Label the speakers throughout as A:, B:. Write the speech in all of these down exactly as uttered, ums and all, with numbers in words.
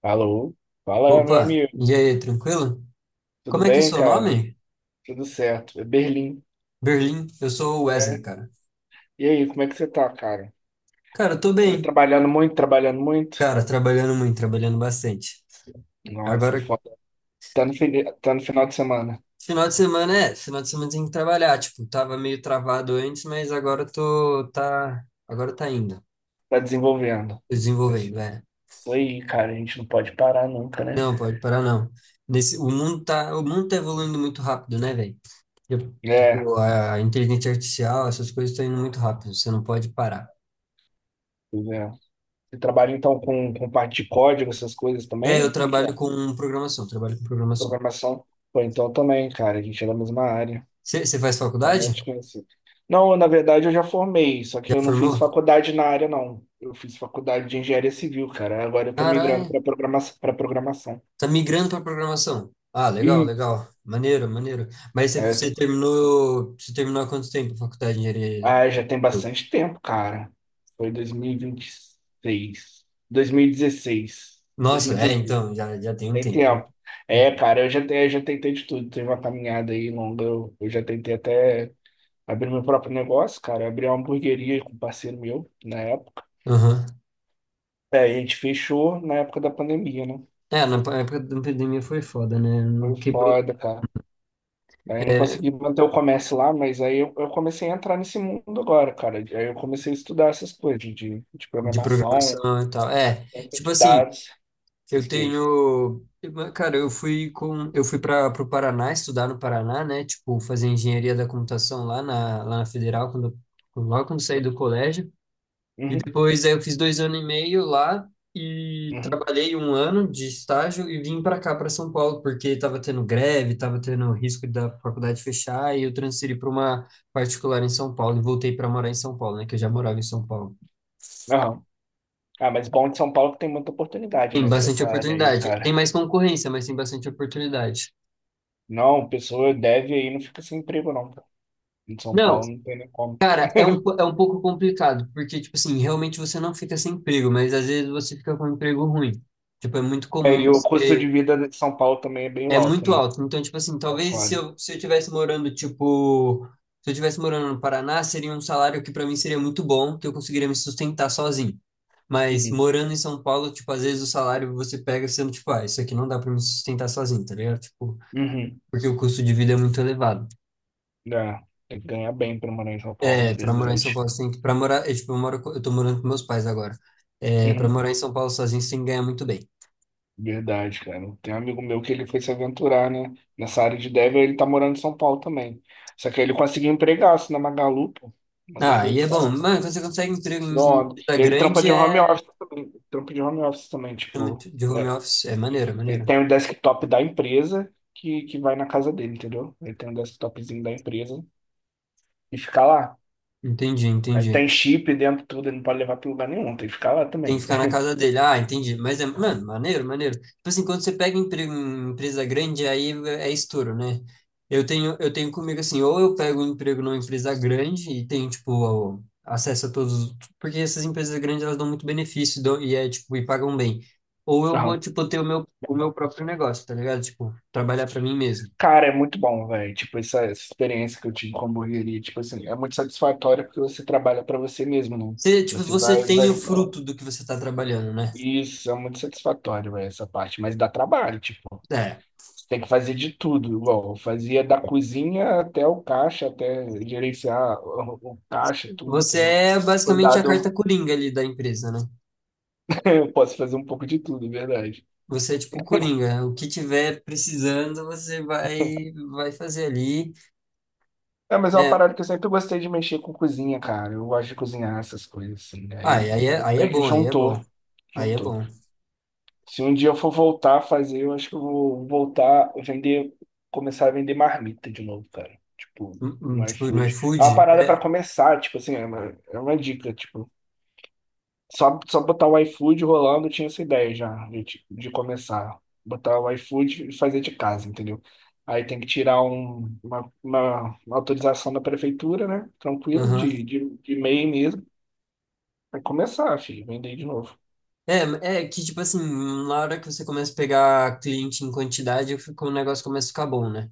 A: Alô? Fala, meu
B: Opa,
A: amigo.
B: e aí, tranquilo?
A: Tudo
B: Como é que é o
A: bem,
B: seu
A: cara?
B: nome?
A: Tudo certo. É Berlim,
B: Berlim, eu sou o
A: né?
B: Wesley, cara.
A: E aí, como é que você tá, cara?
B: Cara, eu tô
A: Tá
B: bem.
A: trabalhando muito, trabalhando muito?
B: Cara, trabalhando muito, trabalhando bastante.
A: Nossa, é
B: Agora,
A: foda. Tá no, fini- tá no final de semana.
B: final de semana é, final de semana tem que trabalhar, tipo, tava meio travado antes, mas agora eu tô, tá, agora tá indo,
A: Tá desenvolvendo.
B: tô
A: Esse-
B: desenvolvendo, é.
A: Isso aí, cara. A gente não pode parar nunca, né?
B: Não, pode parar não. Nesse, o mundo tá, o mundo tá evoluindo muito rápido, né, velho? Tipo,
A: É,
B: tipo, a inteligência artificial, essas coisas estão indo muito rápido, você não pode parar.
A: pois é. Você trabalha então com, com parte de código, essas coisas
B: É, eu
A: também? Como é que é?
B: trabalho com programação, trabalho com programação.
A: Programação? Pô, então também, cara. A gente é da mesma área.
B: Você faz
A: Ah, não te
B: faculdade?
A: conheci. Não, na verdade eu já formei, só que
B: Já
A: eu não fiz
B: formou?
A: faculdade na área, não. Eu fiz faculdade de engenharia civil, cara. Agora eu tô migrando
B: Caralho,
A: para programação, para programação.
B: tá migrando para programação. Ah, legal,
A: E
B: legal. Maneiro, maneiro. Mas
A: é, eu tô-
B: você terminou, você terminou há quanto tempo a faculdade de engenharia?
A: ah, já tem bastante tempo, cara. Foi dois Dois Dois mil mil e e mil e dois mil e dezesseis.
B: Nossa, é, então, já, já tem um
A: Tem
B: tempo. Já
A: tempo.
B: tem um
A: É,
B: tempo.
A: cara, eu já, te- eu já tentei de tudo. Teve uma caminhada aí longa. Eu, eu já tentei até abrir meu próprio negócio, cara. Abrir uma hamburgueria com um parceiro meu na época.
B: Aham.
A: É, e a gente fechou na época da pandemia, né?
B: É, na pa- época da pandemia foi foda, né? Não
A: Foi
B: quebrou,
A: foda, cara. Aí não
B: é,
A: consegui manter o comércio lá, mas aí eu, eu comecei a entrar nesse mundo agora, cara. Aí eu comecei a estudar essas coisas de, de de
B: de
A: programação,
B: programação e tal. É, tipo
A: de
B: assim,
A: dados,
B: eu
A: essas coisas.
B: tenho, cara, eu fui com, eu fui para o Paraná estudar no Paraná, né? Tipo, fazer engenharia da computação lá na, lá na Federal, quando, logo quando saí do colégio. E
A: Uhum,
B: depois aí eu fiz dois anos e meio lá e
A: uhum,
B: trabalhei um ano de estágio e vim para cá, para São Paulo, porque estava tendo greve, estava tendo risco da faculdade fechar e eu transferi para uma particular em São Paulo e voltei para morar em São Paulo, né? Que eu já morava em São Paulo.
A: aham. Ah, mas bom de São Paulo que tem muita oportunidade,
B: Tem
A: né, pra
B: bastante
A: essa área aí,
B: oportunidade. Tem
A: cara.
B: mais concorrência, mas tem bastante oportunidade.
A: Não, pessoa deve aí não fica sem emprego, não, cara. Em São
B: Não,
A: Paulo não tem nem como.
B: cara, é um, po- é um pouco complicado, porque, tipo assim, realmente você não fica sem emprego, mas às vezes você fica com um emprego ruim. Tipo, é muito
A: É,
B: comum
A: e o custo de
B: você...
A: vida de São Paulo também é bem
B: É
A: alto,
B: muito
A: né?
B: alto. Então, tipo assim,
A: É
B: talvez se
A: foda.
B: eu, se eu tivesse morando, tipo... Se eu tivesse morando no Paraná, seria um salário que pra mim seria muito bom, que eu conseguiria me sustentar sozinho. Mas
A: Uhum,
B: morando em São Paulo, tipo, às vezes o salário você pega sendo, tipo, ah, isso aqui não dá pra me sustentar sozinho, tá ligado? Tipo,
A: uhum.
B: porque o custo de vida é muito elevado.
A: É, tem que ganhar bem pra morar em São
B: É,
A: Paulo,
B: pra morar em São
A: verdade.
B: Paulo, você tem que, pra morar, eu, tipo, eu moro, co- eu tô morando com meus pais agora. É, pra
A: Uhum,
B: morar em São Paulo sozinho, você tem que ganhar muito bem.
A: verdade, cara. Tem um amigo meu que ele foi se aventurar, né? Nessa área de dev, ele tá morando em São Paulo também. Só que ele conseguiu empregaço na Magalu, pô. Mandou
B: Ah,
A: bem
B: e é
A: pro
B: bom,
A: caramba.
B: mano, quando você consegue emprego em em
A: Pronto.
B: empresa
A: Ele trampa
B: grande,
A: de home
B: é,
A: office também. Trampa de home office também, tipo.
B: de home
A: É.
B: office, é maneiro, é
A: Ele
B: maneiro.
A: tem o desktop da empresa que, que vai na casa dele, entendeu? Ele tem um desktopzinho da empresa e fica lá.
B: Entendi,
A: Aí tem
B: entendi.
A: chip dentro, tudo, ele não pode levar pra lugar nenhum, tem que ficar lá
B: Tem que
A: também.
B: ficar na casa dele. Ah, entendi. Mas é, mano, maneiro, maneiro. Tipo assim, quando você pega emprego em empresa grande, aí é estouro, né? Eu tenho, eu tenho comigo assim, ou eu pego um emprego numa empresa grande e tenho, tipo, o- acesso a todos. Porque essas empresas grandes, elas dão muito benefício dão- e, é, tipo, e pagam bem. Ou eu vou, tipo, ter o meu, o meu próprio negócio, tá ligado? Tipo, trabalhar pra mim mesmo.
A: Cara, é muito bom, velho. Tipo, essa, essa experiência que eu tive com a hamburgueria, tipo assim, é muito satisfatória porque você trabalha pra você mesmo, né?
B: Você, tipo,
A: Você
B: você
A: vai,
B: tem o
A: vai.
B: fruto do que você tá trabalhando, né?
A: Isso, é muito satisfatório, velho, essa parte. Mas dá trabalho, tipo.
B: É.
A: Você tem que fazer de tudo, igual. Eu fazia da cozinha até o caixa, até gerenciar o, o caixa, tudo,
B: Você
A: entendeu?
B: é basicamente a carta
A: Cuidado,
B: coringa ali da empresa, né?
A: eu posso fazer um pouco de tudo, é verdade.
B: Você é tipo Coringa, o que tiver precisando, você vai vai fazer ali.
A: É, mas é uma
B: É,
A: parada que eu sempre gostei de mexer com cozinha, cara. Eu gosto de cozinhar essas coisas, assim, né?
B: ah,
A: Aí,
B: e aí é,
A: aí
B: aí é
A: meio que
B: bom, aí é bom.
A: juntou,
B: Aí é
A: juntou.
B: bom.
A: Se um dia eu for voltar a fazer, eu acho que eu vou voltar a vender, começar a vender marmita de novo, cara. Tipo,
B: Hum, hum.
A: no
B: Tipo, no
A: iFood. É uma
B: iFood,
A: parada
B: é.
A: pra começar, tipo assim, é uma, é uma dica, tipo, só, só botar o iFood rolando, eu tinha essa ideia já, de, tipo, de começar. Botar o iFood e fazer de casa, entendeu? Aí tem que tirar um- uma, uma- uma autorização da prefeitura, né? Tranquilo,
B: Aham.
A: de, de, de MEI mesmo. Aí começar, filho, vender de novo.
B: É, é que, tipo assim, na hora que você começa a pegar cliente em quantidade, fica- o negócio começa a ficar bom, né?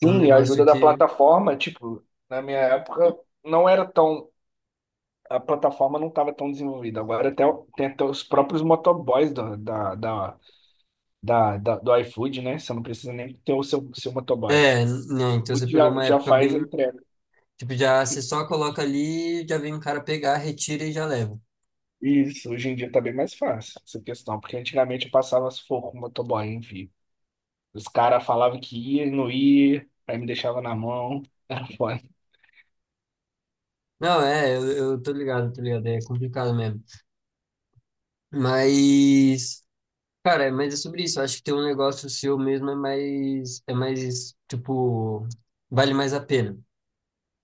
B: É um
A: Sim, a
B: negócio
A: ajuda da
B: que...
A: plataforma, tipo, na minha época não era tão. A plataforma não estava tão desenvolvida. Agora até, o- tem até os próprios motoboys do, da, da, da, da- do iFood, né? Você não precisa nem ter o seu, seu motoboy.
B: É, né? Então
A: O
B: você
A: iFood
B: pegou
A: já,
B: uma
A: já
B: época
A: faz a
B: bem...
A: entrega.
B: Tipo, já você só coloca ali, já vem um cara pegar, retira e já leva.
A: Isso, hoje em dia tá bem mais fácil essa questão, porque antigamente eu passava sufoco com o motoboy, enfim. Os caras falavam que ia e não ia, aí me deixava na mão. Era foda.
B: Não, é, eu, eu tô ligado, tô ligado. É complicado mesmo. Mas... Cara, mas é sobre isso. Eu acho que ter um negócio seu mesmo é mais, é mais, tipo, vale mais a pena.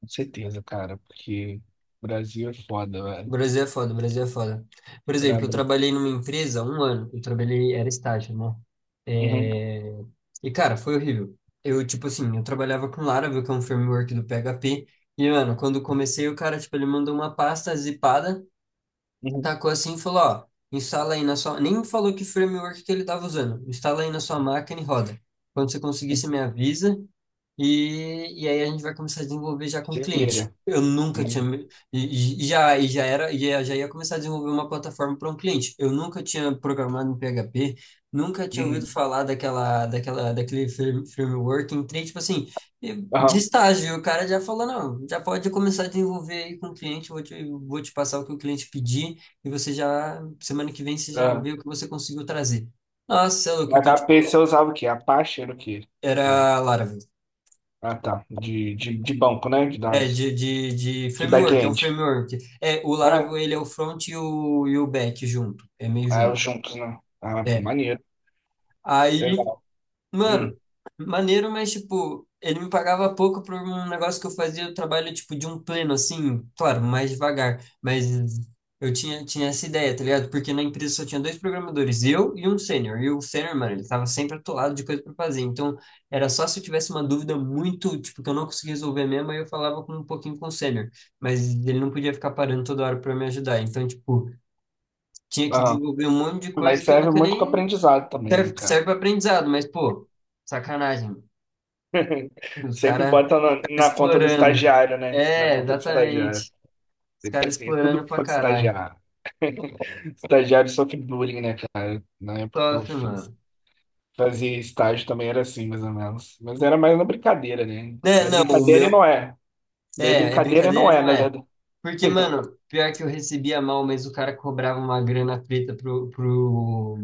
A: Com certeza, cara, porque o Brasil é foda,
B: O
A: velho.
B: Brasil é foda, o Brasil é foda. Por
A: Pra
B: exemplo, eu
A: mim.
B: trabalhei numa empresa há um ano. Eu trabalhei, era estágio, né?
A: Uhum.
B: É. E, cara, foi horrível. Eu, tipo assim, eu trabalhava com Laravel, que é um framework do P H P. E, mano, quando comecei, o cara, tipo, ele mandou uma pasta zipada.
A: Uhum.
B: Tacou assim e falou, ó, instala aí na sua... Nem me falou que framework que ele estava usando. Instala aí na sua máquina e roda. Quando você conseguir, você me avisa. E, e aí a gente vai começar a desenvolver já com o cliente.
A: Silveira.
B: Eu nunca tinha...
A: Uhum.
B: E, e já, e já era... E já já ia começar a desenvolver uma plataforma para um cliente. Eu nunca tinha programado em P H P. Nunca tinha ouvido
A: Uhum.
B: falar daquela, daquela, daquele frame- framework. Entrei, tipo assim, de
A: Aham.
B: estágio. E o cara já falou, não, já pode começar a desenvolver aí com o cliente. Vou te, vou te passar o que o cliente pedir e você já, semana que vem, você já
A: Ah,
B: vê o que você conseguiu trazer. Nossa, você é louco. Então, tipo,
A: H P você usava o quê? Apache era o quê? Né?
B: era Laravel.
A: Ah, tá. De, de, de banco, né? De
B: É,
A: dados.
B: de, de, de
A: De
B: framework, é um
A: back-end.
B: framework. É, o
A: Ah,
B: Laravel, ele é o front e o, e o back junto, é meio
A: é, é,
B: junto.
A: os juntos, né? Ah, pô,
B: É.
A: maneiro.
B: Aí,
A: Legal.
B: mano,
A: Hum.
B: maneiro, mas, tipo, ele me pagava pouco por um negócio que eu fazia o trabalho, tipo, de um pleno, assim, claro, mais devagar, mas eu tinha, tinha essa ideia, tá ligado? Porque na empresa só tinha dois programadores, eu e um sênior, e o sênior, mano, ele tava sempre atolado de coisa pra fazer, então era só se eu tivesse uma dúvida muito, tipo, que eu não conseguia resolver mesmo, aí eu falava com um pouquinho com o sênior, mas ele não podia ficar parando toda hora pra me ajudar, então, tipo, tinha que
A: Aham.
B: desenvolver um monte de coisa
A: Mas
B: que eu
A: serve
B: nunca
A: muito com
B: nem...
A: aprendizado também, né,
B: Serve,
A: cara?
B: serve para aprendizado, mas, pô... Sacanagem. Os
A: Sempre
B: caras
A: bota na, na conta do
B: explorando.
A: estagiário, né? Na
B: É,
A: conta do estagiário.
B: exatamente. Os
A: Porque
B: caras
A: assim, é tudo
B: explorando pra
A: conta do
B: caralho.
A: estagiário. Estagiário sofre bullying, né, cara? Na época que eu
B: Sofre,
A: fiz
B: mano.
A: Fazia estágio também, era assim, mais ou menos. Mas era mais na brincadeira, né?
B: Né,
A: É
B: não, o
A: brincadeira e não
B: meu.
A: é. É
B: É, é
A: brincadeira e
B: brincadeira
A: não
B: e
A: é,
B: não
A: na
B: é.
A: verdade.
B: Porque, mano, pior que eu recebia mal, mas o cara cobrava uma grana preta pro, pro,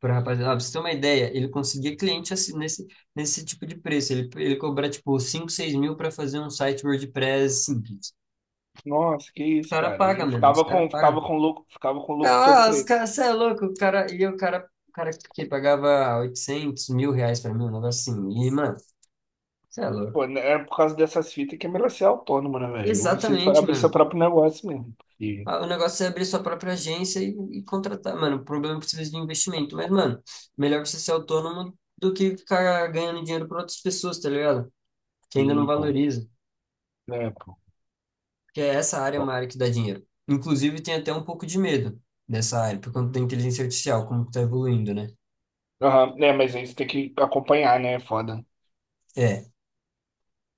B: pro rapaziada. Ah, pra você ter uma ideia, ele conseguia cliente assim, nesse, nesse tipo de preço. Ele, ele cobra, tipo, cinco seis mil pra fazer um site WordPress simples.
A: Nossa, que
B: Os
A: isso,
B: caras
A: cara. E
B: pagam,
A: ele
B: mano. Os
A: ficava
B: cara
A: com, ficava
B: paga.
A: com lucro, ficava com o lucro todo
B: Ah,
A: pra
B: os
A: ele.
B: caras, você é louco, o cara, e o cara, o cara que pagava oitocentos mil reais pra mim, um negócio assim, e, mano, você é louco.
A: Pô, né, é por causa dessas fitas que é melhor ser autônomo, né, velho? Ou Você fa-
B: Exatamente,
A: abrir seu
B: mano.
A: próprio negócio mesmo. E,
B: Ah, o negócio é abrir sua própria agência e, e contratar, mano, o problema é que precisa de investimento, mas, mano, melhor você ser autônomo do que ficar ganhando dinheiro para outras pessoas, tá ligado? Que ainda não
A: e pô,
B: valoriza,
A: né, pô.
B: porque essa área é
A: Pô.
B: uma área que dá dinheiro. Inclusive, tem até um pouco de medo dessa área, por conta da inteligência artificial, como que tá evoluindo, né?
A: Aham, né, mas aí você tem que acompanhar, né? É foda.
B: É,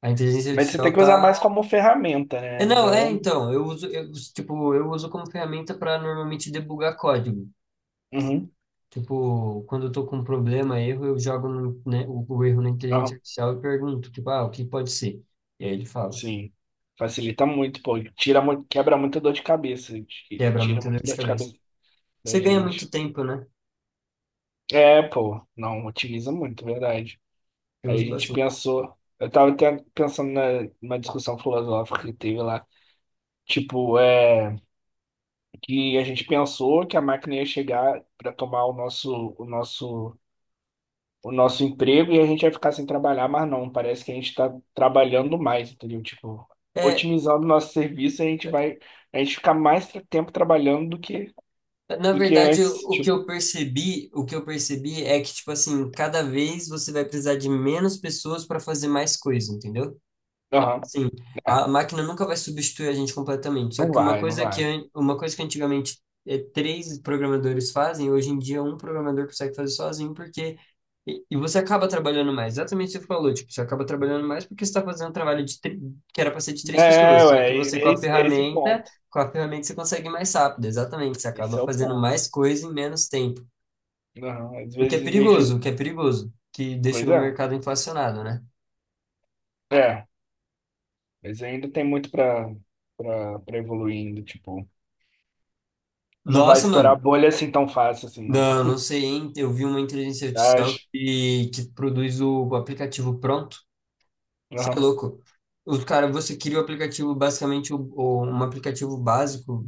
B: a inteligência
A: Mas você tem
B: artificial
A: que usar mais
B: tá.
A: como ferramenta,
B: É,
A: né?
B: não,
A: Usar.
B: é, então, eu uso, eu, uso- tipo, eu uso como ferramenta para normalmente debugar código.
A: Uhum.
B: Tipo, quando eu tô com um problema, erro, eu jogo no, né, o, o erro na inteligência
A: Aham.
B: artificial e pergunto, tipo, ah, o que pode ser? E aí ele fala,
A: Sim. Facilita muito, pô. Tira, mu- quebra muita dor de cabeça. t-
B: quebra
A: Tira
B: muita dor
A: muita
B: de
A: dor de
B: cabeça.
A: cabeça da
B: Você ganha muito
A: gente.
B: tempo, né?
A: É, pô. Não, otimiza muito, verdade.
B: Eu
A: Aí a
B: uso
A: gente
B: bastante.
A: pensou. Eu tava até pensando na, numa discussão filosófica que teve lá. Tipo, é, que a gente pensou que a máquina ia chegar pra tomar o nosso, o nosso o nosso emprego e a gente vai ficar sem trabalhar, mas não, parece que a gente está trabalhando mais, entendeu? Tipo,
B: É,
A: otimizando o nosso serviço, a gente vai, a gente fica mais tra- tempo trabalhando do que,
B: na
A: do que
B: verdade, o,
A: antes,
B: o que
A: tipo,
B: eu percebi, o que eu percebi é que, tipo assim, cada vez você vai precisar de menos pessoas para fazer mais coisa, entendeu?
A: aham,
B: Sim,
A: é,
B: a máquina nunca vai substituir a gente completamente. Só
A: não
B: que uma
A: vai, não
B: coisa que,
A: vai.
B: an- uma coisa que antigamente eh, três programadores fazem, hoje em dia um programador consegue fazer sozinho, porque. E, e você acaba trabalhando mais. Exatamente o que você falou, tipo, você acaba trabalhando mais porque você está fazendo um trabalho de, tri- que era para ser de três
A: É,
B: pessoas. Só que
A: ué,
B: você, com
A: é
B: a
A: esse, é esse o
B: ferramenta,
A: ponto,
B: com a ferramenta você consegue ir mais rápido. Exatamente, você
A: esse
B: acaba
A: é o
B: fazendo
A: ponto.
B: mais coisa em menos tempo.
A: Aham, às
B: O que é
A: vezes em vez de,
B: perigoso, o que é perigoso, que deixa
A: pois
B: o
A: é,
B: mercado inflacionado, né?
A: é, mas ainda tem muito para para para evoluindo, tipo, não vai
B: Nossa,
A: estourar a
B: mano.
A: bolha assim tão fácil assim, não.
B: Não, não sei, hein? Eu vi uma inteligência artificial
A: Acho.
B: que, que produz o aplicativo pronto. Você é
A: Aham,
B: louco. O cara, você cria o aplicativo, basicamente, o, o- um aplicativo básico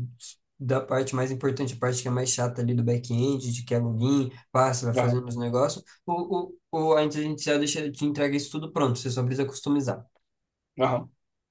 B: da parte mais importante, a parte que é mais chata ali do back-end, de que é login, passa, vai
A: aham,
B: fazendo os negócios. O, o, o- a inteligência artificial deixa, te entrega isso tudo pronto, você só precisa customizar.
A: aham.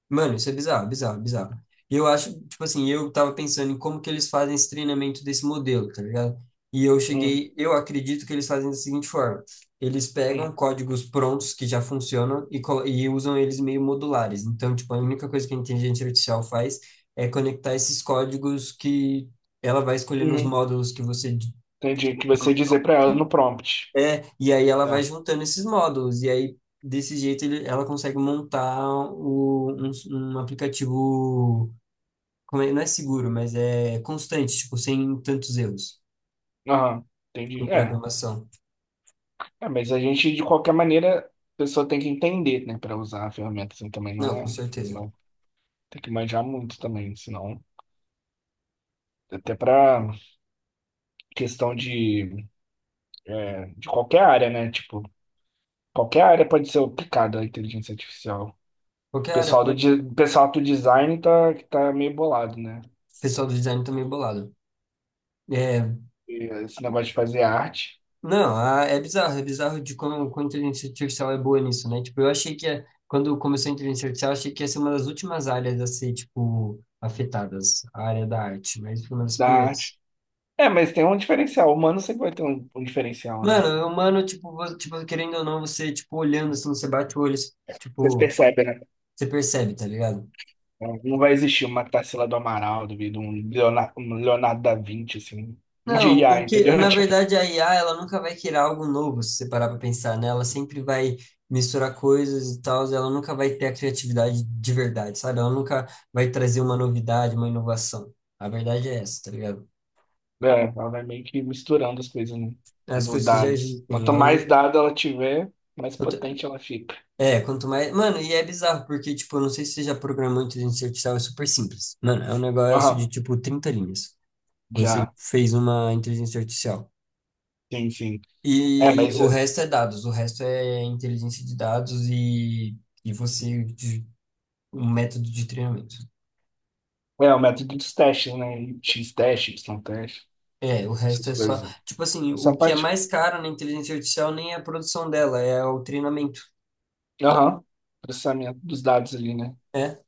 B: Mano, isso é bizarro, bizarro, bizarro. E eu acho, tipo assim, eu tava pensando em como que eles fazem esse treinamento desse modelo, tá ligado? E eu
A: Hum,
B: cheguei, eu acredito que eles fazem da seguinte forma: eles
A: hum.
B: pegam códigos prontos que já funcionam e, co- e usam eles meio modulares. Então, tipo, a única coisa que a inteligência artificial faz é conectar esses códigos que ela vai escolher nos
A: Uhum.
B: módulos que você d-
A: Entendi. Que você dizer pra ela no prompt.
B: é, e aí ela vai
A: Tá.
B: juntando esses módulos, e aí desse jeito ele- ela consegue montar o- um, um aplicativo como é- não é seguro, mas é constante, tipo, sem tantos erros
A: Aham.
B: com
A: Entendi. É.
B: programação.
A: É, mas a gente, de qualquer maneira, a pessoa tem que entender, né, pra usar a ferramenta assim também. Não
B: Não, com
A: é.
B: certeza.
A: Não, tem que manjar muito também, senão. Até pra questão de, é, de qualquer área, né? Tipo, qualquer área pode ser aplicada à inteligência artificial. O
B: Qualquer área
A: pessoal do,
B: pode.
A: de- o pessoal do design tá, que tá meio bolado, né?
B: O pessoal do design tá meio bolado. É,
A: E esse negócio de fazer arte,
B: não, a- é bizarro, é bizarro de como, como, a inteligência artificial é boa nisso, né? Tipo, eu achei que é- quando começou a inteligência artificial, eu achei que ia ser uma das últimas áreas a ser, tipo, afetadas, a área da arte, mas foi uma das
A: da
B: primeiras.
A: arte. É, mas tem um diferencial. O humano sempre vai ter um um diferencial, né?
B: Mano, humano, tipo, vo- tipo, querendo ou não, você, tipo, olhando, assim, você bate o olho,
A: Vocês
B: tipo,
A: percebem, né?
B: você percebe, tá ligado?
A: Não vai existir uma Tarsila do Amaral, duvido, um Leonardo, um Leonardo da Vinci, assim, de
B: Não, o
A: I A,
B: que,
A: entendeu?
B: na
A: Tipo,
B: verdade, a i a, ela nunca vai criar algo novo, se você parar para pensar, né? Ela sempre vai misturar coisas e tal, ela nunca vai ter a criatividade de verdade, sabe? Ela nunca vai trazer uma novidade, uma inovação. A verdade é essa, tá ligado?
A: é, ela vai meio que misturando as coisas no,
B: É. As
A: no
B: coisas que já
A: dados.
B: existem,
A: Quanto
B: ela
A: mais
B: nunca...
A: dado ela tiver, mais
B: eu tô-
A: potente ela fica.
B: É, quanto mais... Mano, e é bizarro, porque, tipo, eu não sei se você já programou inteligência artificial, é super simples. Mano, é um negócio de,
A: Aham,
B: tipo, trinta linhas. Você
A: já,
B: fez uma inteligência artificial.
A: sim, sim. É,
B: E
A: mas
B: o
A: é,
B: resto é dados, o resto é inteligência de dados e, e você, de- um método de treinamento.
A: é o método dos testes, né? X-teste, Y-teste,
B: É, o resto
A: essas
B: é só,
A: coisas.
B: tipo assim, o
A: Essa
B: que é
A: parte,
B: mais caro na inteligência artificial nem é a produção dela, é o treinamento.
A: aham, processamento dos dados ali, né?
B: É,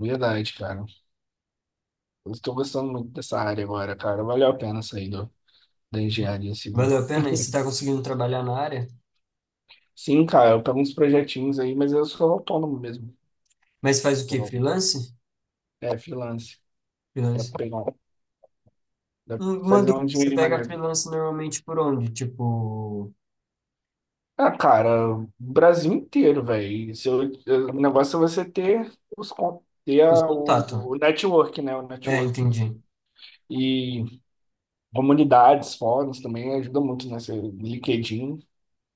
A: Verdade, cara. Eu estou gostando muito dessa área agora, cara. Valeu a pena sair do, da engenharia civil.
B: valeu a pena? E você tá conseguindo trabalhar na área?
A: Sim, cara, eu pego uns projetinhos aí, mas eu sou autônomo mesmo.
B: Mas faz o quê?
A: Uau.
B: Freelance?
A: É, freelance. Dá
B: Freelance.
A: pra pegar, dá pra
B: Hum. Uma
A: fazer
B: dúvida,
A: um
B: você
A: dinheiro
B: pega
A: maneiro.
B: freelance normalmente por onde? Tipo,
A: Ah, cara, o Brasil inteiro, velho. Seu- O negócio é você ter os con- ter
B: os
A: a-
B: contatos.
A: o, o network, né? O
B: É,
A: network.
B: entendi.
A: E comunidades, fóruns também ajuda muito, né? Você- LinkedIn,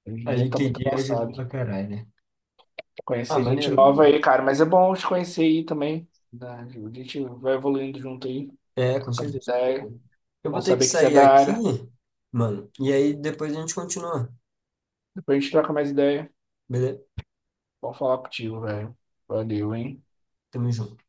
A: hoje em
B: A
A: dia tá muito
B: LinkedIn ajuda
A: avançado.
B: pra caralho, né? Ah,
A: Conhecer gente
B: maneiro,
A: nova
B: maneiro.
A: aí, cara, mas é bom te conhecer aí também, né? A gente vai evoluindo junto aí,
B: É, com
A: trocando
B: certeza.
A: ideia.
B: Eu
A: Bom
B: vou ter que
A: saber que você é
B: sair
A: da
B: aqui,
A: área.
B: mano. E aí depois a gente continua,
A: Depois a gente troca mais ideia.
B: beleza?
A: Bom falar contigo, velho. Valeu, hein?
B: Tamo junto.